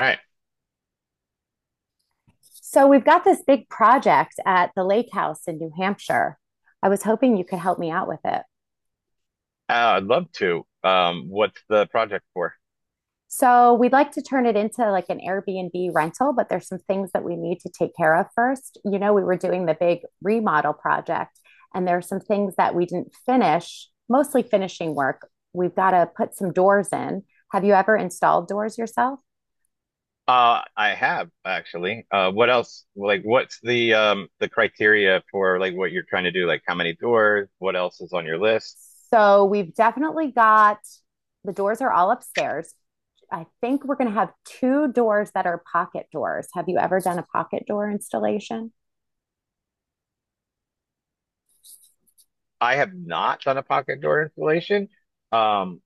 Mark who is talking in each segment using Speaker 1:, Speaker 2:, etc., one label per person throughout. Speaker 1: All right.
Speaker 2: So we've got this big project at the lake house in New Hampshire. I was hoping you could help me out with it.
Speaker 1: I'd love to. What's the project for?
Speaker 2: So we'd like to turn it into like an Airbnb rental, but there's some things that we need to take care of first. You know, we were doing the big remodel project, and there are some things that we didn't finish, mostly finishing work. We've got to put some doors in. Have you ever installed doors yourself?
Speaker 1: I have actually. What else? Like, what's the criteria for like what you're trying to do? Like, how many doors? What else is on your list?
Speaker 2: So we've definitely got the doors are all upstairs. I think we're going to have two doors that are pocket doors. Have you ever done a pocket door installation?
Speaker 1: I have not done a pocket door installation. Um,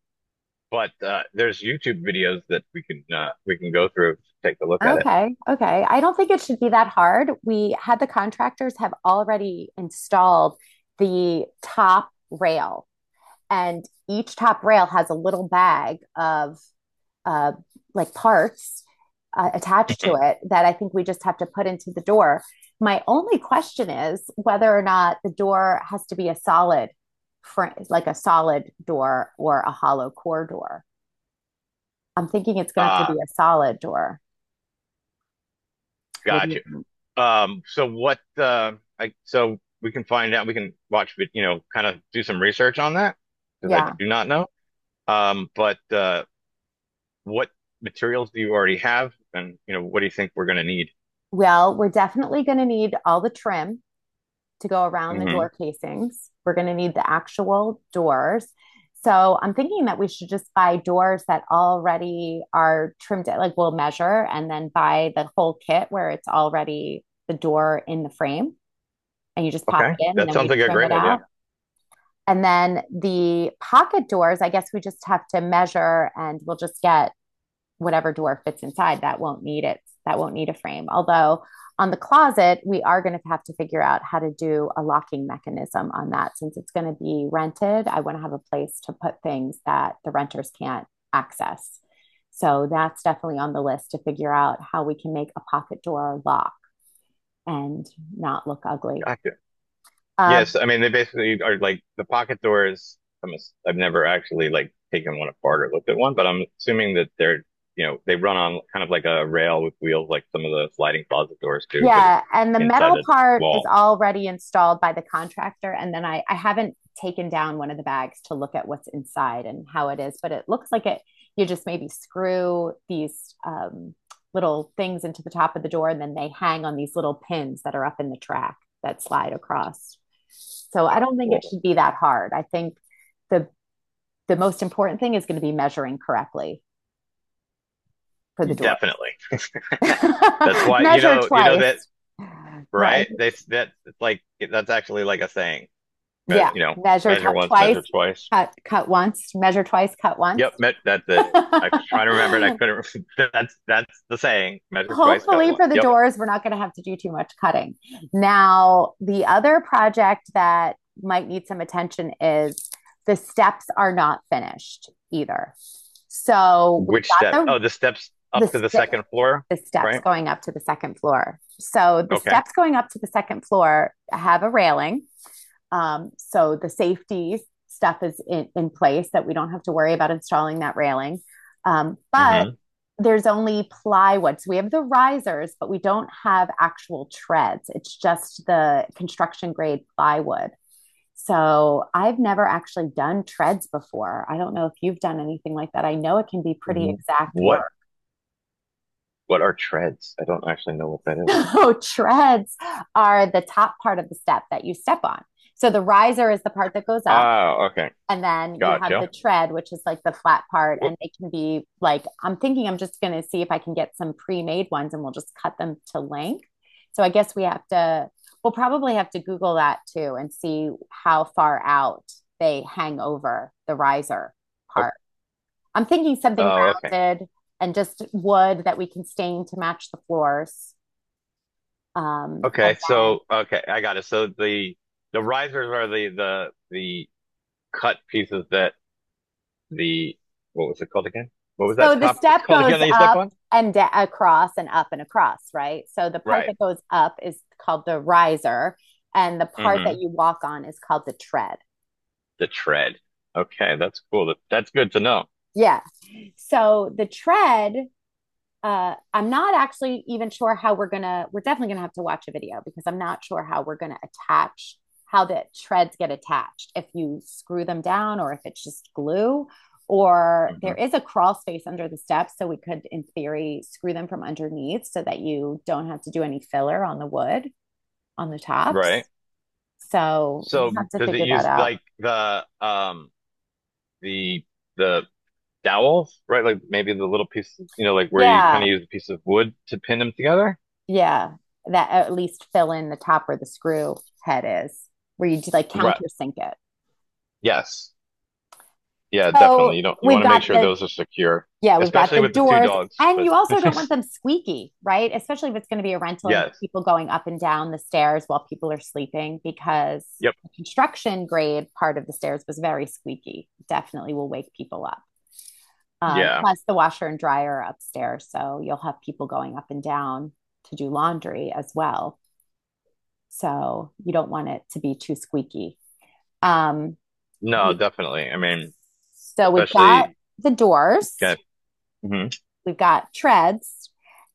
Speaker 1: but there's YouTube videos that we can go through to take a look
Speaker 2: No.
Speaker 1: at
Speaker 2: Okay, okay. I don't think it should be that hard. We had the contractors have already installed the top rail, and each top rail has a little bag of uh, like parts attached to
Speaker 1: it.
Speaker 2: it that I think we just have to put into the door. My only question is whether or not the door has to be a solid, like a solid door or a hollow core door. I'm thinking it's going to have to be
Speaker 1: Ah,
Speaker 2: a solid door. What do
Speaker 1: got
Speaker 2: you
Speaker 1: you.
Speaker 2: think?
Speaker 1: So what? I so we can find out. We can watch, kind of do some research on that because I
Speaker 2: Yeah.
Speaker 1: do not know. But what materials do you already have, and what do you think we're going to need?
Speaker 2: Well, we're definitely going to need all the trim to go around the
Speaker 1: hmm
Speaker 2: door casings. We're going to need the actual doors. So I'm thinking that we should just buy doors that already are trimmed, like we'll measure and then buy the whole kit where it's already the door in the frame and you just pop
Speaker 1: Okay,
Speaker 2: it in and
Speaker 1: that
Speaker 2: then
Speaker 1: sounds
Speaker 2: we
Speaker 1: like a
Speaker 2: trim
Speaker 1: great
Speaker 2: it
Speaker 1: idea.
Speaker 2: out. And then the pocket doors, I guess we just have to measure and we'll just get whatever door fits inside that won't need it that won't need a frame, although on the closet we are going to have to figure out how to do a locking mechanism on that, since it's going to be rented. I want to have a place to put things that the renters can't access, so that's definitely on the list, to figure out how we can make a pocket door lock and not look ugly.
Speaker 1: Gotcha.
Speaker 2: um,
Speaker 1: Yes, I mean they basically are like the pocket doors. I've never actually like taken one apart or looked at one, but I'm assuming that they're you know they run on kind of like a rail with wheels, like some of the sliding closet doors do, but it's
Speaker 2: Yeah, and the
Speaker 1: inside
Speaker 2: metal
Speaker 1: a
Speaker 2: part is
Speaker 1: wall.
Speaker 2: already installed by the contractor, and then I haven't taken down one of the bags to look at what's inside and how it is, but it looks like it. You just maybe screw these little things into the top of the door, and then they hang on these little pins that are up in the track that slide across. So I
Speaker 1: Uh,
Speaker 2: don't think it
Speaker 1: well,
Speaker 2: should be that hard. I think the the most important thing is going to be measuring correctly for the doors.
Speaker 1: Definitely. That's why you
Speaker 2: Measure
Speaker 1: know you know that
Speaker 2: twice, right?
Speaker 1: right? They that it's like that's actually like a saying. me-
Speaker 2: Yeah,
Speaker 1: you know,
Speaker 2: measure
Speaker 1: Measure once, measure
Speaker 2: twice,
Speaker 1: twice.
Speaker 2: cut once, measure twice, cut once.
Speaker 1: Yep, me that's it. I was trying to remember it. I couldn't. That's the saying. Measure twice, cut
Speaker 2: Hopefully
Speaker 1: once.
Speaker 2: for the
Speaker 1: Yep.
Speaker 2: doors we're not going to have to do too much cutting. Now, the other project that might need some attention is the steps are not finished either. So, we've
Speaker 1: Which step?
Speaker 2: got the
Speaker 1: Oh, the steps
Speaker 2: the,
Speaker 1: up to the
Speaker 2: st-
Speaker 1: second floor,
Speaker 2: the steps
Speaker 1: right?
Speaker 2: going up to the second floor. So, the
Speaker 1: Okay.
Speaker 2: steps going up to the second floor have a railing. So the safety stuff is in place that we don't have to worry about installing that railing. But
Speaker 1: Mm-hmm.
Speaker 2: there's only plywood. So we have the risers, but we don't have actual treads. It's just the construction grade plywood. So I've never actually done treads before. I don't know if you've done anything like that. I know it can be pretty exact
Speaker 1: What
Speaker 2: work.
Speaker 1: what are treads? I don't actually know what that is.
Speaker 2: So treads are the top part of the step that you step on. So the riser is the part that goes up.
Speaker 1: Oh, okay.
Speaker 2: And then you have the
Speaker 1: Gotcha.
Speaker 2: tread, which is like the flat part.
Speaker 1: Whoop.
Speaker 2: And it can be like, I'm thinking I'm just going to see if I can get some pre made ones and we'll just cut them to length. So I guess we have to, we'll probably have to Google that too and see how far out they hang over the riser
Speaker 1: Oh,
Speaker 2: part. I'm thinking something
Speaker 1: oh, okay.
Speaker 2: rounded and just wood that we can stain to match the floors. Um, and
Speaker 1: Okay.
Speaker 2: then
Speaker 1: So, okay, I got it. So the risers are the cut pieces that the what was it called again? What was
Speaker 2: so
Speaker 1: that
Speaker 2: the
Speaker 1: top piece
Speaker 2: step
Speaker 1: called
Speaker 2: goes
Speaker 1: again that you step
Speaker 2: up
Speaker 1: on?
Speaker 2: and across and up and across, right? So the part
Speaker 1: Right.
Speaker 2: that goes up is called the riser, and the part that
Speaker 1: hmm
Speaker 2: you walk on is called the tread.
Speaker 1: The tread. Okay, that's cool. That, that's good to know.
Speaker 2: Yeah. So the tread I'm not actually even sure how we're gonna. We're definitely gonna have to watch a video because I'm not sure how we're gonna attach how the treads get attached. If you screw them down, or if it's just glue, or there
Speaker 1: hmm
Speaker 2: is a crawl space under the steps, so we could, in theory, screw them from underneath so that you don't have to do any filler on the wood on the
Speaker 1: Right.
Speaker 2: tops. So we'll
Speaker 1: So
Speaker 2: have to
Speaker 1: does it
Speaker 2: figure that
Speaker 1: use
Speaker 2: out.
Speaker 1: like the the dowels, right? Like maybe the little piece, like where you kind
Speaker 2: Yeah,
Speaker 1: of use a piece of wood to pin them together?
Speaker 2: yeah. That at least fill in the top where the screw head is, where you just like
Speaker 1: Right.
Speaker 2: countersink it.
Speaker 1: Yes. Yeah, definitely.
Speaker 2: So
Speaker 1: You don't you
Speaker 2: we've
Speaker 1: want to make
Speaker 2: got
Speaker 1: sure
Speaker 2: the,
Speaker 1: those are secure,
Speaker 2: yeah, we've got
Speaker 1: especially
Speaker 2: the
Speaker 1: with the two
Speaker 2: doors,
Speaker 1: dogs,
Speaker 2: and
Speaker 1: but
Speaker 2: you also don't want them squeaky, right? Especially if it's going to be a rental and
Speaker 1: yes.
Speaker 2: people going up and down the stairs while people are sleeping, because
Speaker 1: Yep.
Speaker 2: the construction grade part of the stairs was very squeaky. Definitely will wake people up. Um,
Speaker 1: Yeah.
Speaker 2: plus, the washer and dryer are upstairs, so you'll have people going up and down to do laundry as well. So you don't want it to be too squeaky. Um,
Speaker 1: No,
Speaker 2: we-
Speaker 1: definitely. I mean,
Speaker 2: so we've got
Speaker 1: especially
Speaker 2: the doors,
Speaker 1: yeah. Mhm.
Speaker 2: we've got treads.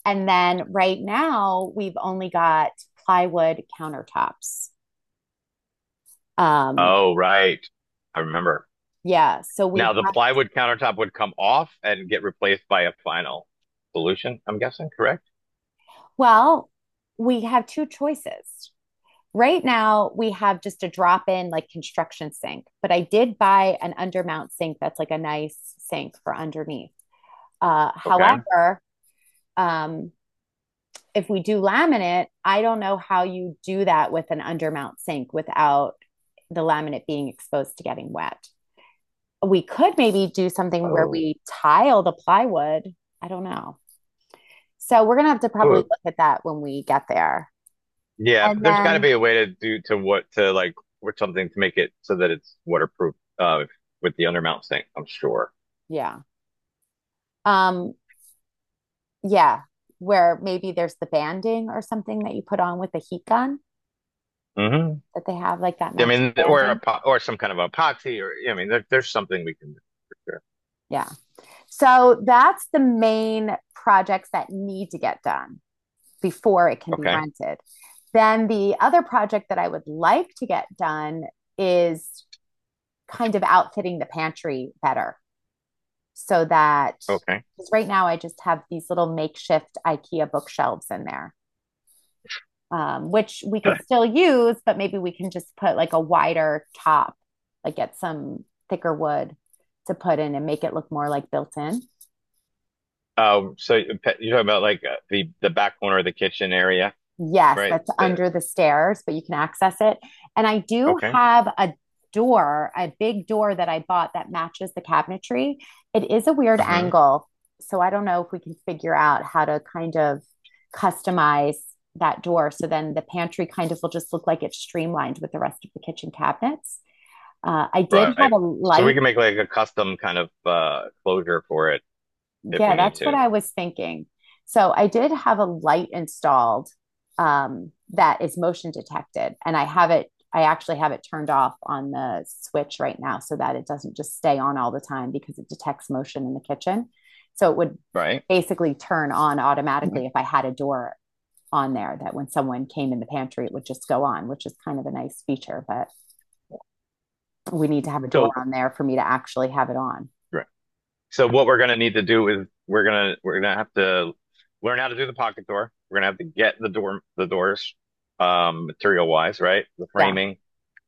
Speaker 2: And then right now we've only got plywood countertops. Um,
Speaker 1: Oh, right. I remember.
Speaker 2: yeah. So we
Speaker 1: Now the
Speaker 2: have,
Speaker 1: plywood countertop would come off and get replaced by a final solution, I'm guessing, correct?
Speaker 2: well, we have two choices. Right now we have just a drop in like construction sink, but I did buy an undermount sink that's like a nice sink for underneath. Uh,
Speaker 1: Okay.
Speaker 2: however, um, if we do laminate, I don't know how you do that with an undermount sink without the laminate being exposed to getting wet. We could maybe do something where
Speaker 1: Oh,
Speaker 2: we tile the plywood. I don't know. So we're gonna have to probably
Speaker 1: ooh.
Speaker 2: look at that when we get there.
Speaker 1: Yeah,
Speaker 2: And
Speaker 1: but there's got to
Speaker 2: then
Speaker 1: be a way to do to what to like with something to make it so that it's waterproof with the undermount sink, I'm sure.
Speaker 2: yeah. Um yeah, where maybe there's the banding or something that you put on with the heat gun
Speaker 1: hmm
Speaker 2: that they have like that
Speaker 1: I
Speaker 2: matching
Speaker 1: mean, or a
Speaker 2: banding.
Speaker 1: po or some kind of epoxy or I mean, there's something we can do for sure.
Speaker 2: Yeah. So that's the main projects that need to get done before it can be
Speaker 1: Okay.
Speaker 2: rented. Then the other project that I would like to get done is kind of outfitting the pantry better so that,
Speaker 1: Okay.
Speaker 2: because right now I just have these little makeshift IKEA bookshelves in there, which we could still use, but maybe we can just put like a wider top, like get some thicker wood to put in and make it look more like built in.
Speaker 1: You're talking about like the back corner of the kitchen area,
Speaker 2: Yes,
Speaker 1: right?
Speaker 2: that's
Speaker 1: That
Speaker 2: under the stairs, but you can access it. And I do
Speaker 1: okay.
Speaker 2: have a door, a big door that I bought that matches the cabinetry. It is a weird
Speaker 1: hmm
Speaker 2: angle. So I don't know if we can figure out how to kind of customize that door. So then the pantry kind of will just look like it's streamlined with the rest of the kitchen cabinets. Uh, I did have
Speaker 1: Right.
Speaker 2: a
Speaker 1: So we
Speaker 2: light
Speaker 1: can make like a custom kind of closure for it if we
Speaker 2: Yeah,
Speaker 1: need
Speaker 2: that's what
Speaker 1: to,
Speaker 2: I was thinking. So I did have a light installed that is motion detected, and I have it. I actually have it turned off on the switch right now so that it doesn't just stay on all the time because it detects motion in the kitchen. So it would
Speaker 1: right?
Speaker 2: basically turn on
Speaker 1: Mhm.
Speaker 2: automatically if I had a door on there, that when someone came in the pantry, it would just go on, which is kind of a nice feature, but we need to have a door
Speaker 1: So
Speaker 2: on there for me to actually have it on.
Speaker 1: right. So what we're gonna need to do is we're gonna have to learn how to do the pocket door. We're gonna have to get the doors material wise, right? The
Speaker 2: Yeah.
Speaker 1: framing.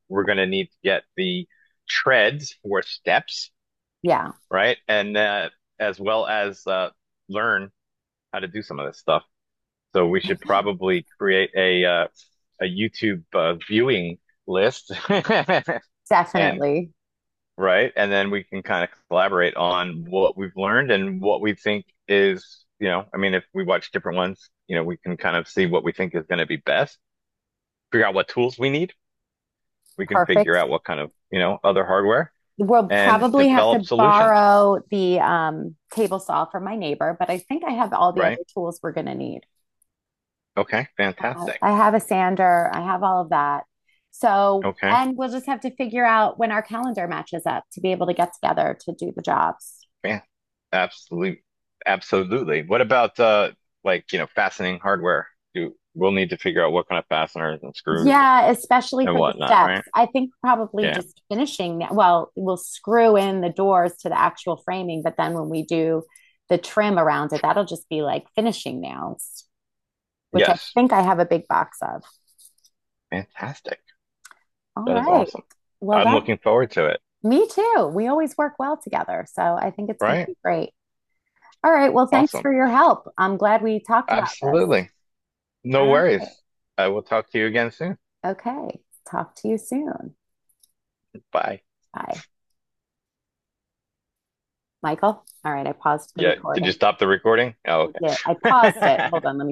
Speaker 1: We're gonna need to get the treads or steps,
Speaker 2: Yeah.
Speaker 1: right? And as well as learn how to do some of this stuff. So we should probably create a YouTube viewing list and
Speaker 2: Definitely.
Speaker 1: right, and then we can kind of collaborate on what we've learned and what we think is, you know, I mean, if we watch different ones, you know, we can kind of see what we think is going to be best, figure out what tools we need. We can figure
Speaker 2: Perfect.
Speaker 1: out what kind of, you know, other hardware
Speaker 2: We'll
Speaker 1: and
Speaker 2: probably have
Speaker 1: develop
Speaker 2: to
Speaker 1: solutions,
Speaker 2: borrow the table saw from my neighbor, but I think I have all the
Speaker 1: right?
Speaker 2: other tools we're going to need.
Speaker 1: Okay, fantastic.
Speaker 2: I have a sander, I have all of that. So,
Speaker 1: Okay.
Speaker 2: and we'll just have to figure out when our calendar matches up to be able to get together to do the jobs.
Speaker 1: Yeah, absolutely, absolutely. What about like fastening hardware? You we'll need to figure out what kind of fasteners and screws
Speaker 2: Yeah, especially
Speaker 1: and
Speaker 2: for the
Speaker 1: whatnot,
Speaker 2: steps.
Speaker 1: right?
Speaker 2: I think probably
Speaker 1: Yeah.
Speaker 2: just finishing that. Well, we'll screw in the doors to the actual framing, but then when we do the trim around it, that'll just be like finishing nails, which I
Speaker 1: Yes.
Speaker 2: think I have a big box of.
Speaker 1: Fantastic.
Speaker 2: All
Speaker 1: That is
Speaker 2: right.
Speaker 1: awesome.
Speaker 2: Well,
Speaker 1: I'm
Speaker 2: that
Speaker 1: looking forward to it.
Speaker 2: Me too. We always work well together, so I think it's going to
Speaker 1: Right?
Speaker 2: be great. All right. Well, thanks
Speaker 1: Awesome.
Speaker 2: for your help. I'm glad we talked about this.
Speaker 1: Absolutely.
Speaker 2: All
Speaker 1: No
Speaker 2: right.
Speaker 1: worries. I will talk to you again soon.
Speaker 2: Okay. Talk to you soon.
Speaker 1: Bye.
Speaker 2: Bye. Michael. All right. I paused the
Speaker 1: Yeah. Did you
Speaker 2: recording.
Speaker 1: stop the recording? Oh,
Speaker 2: I did. I paused it.
Speaker 1: okay.
Speaker 2: Hold on. Let me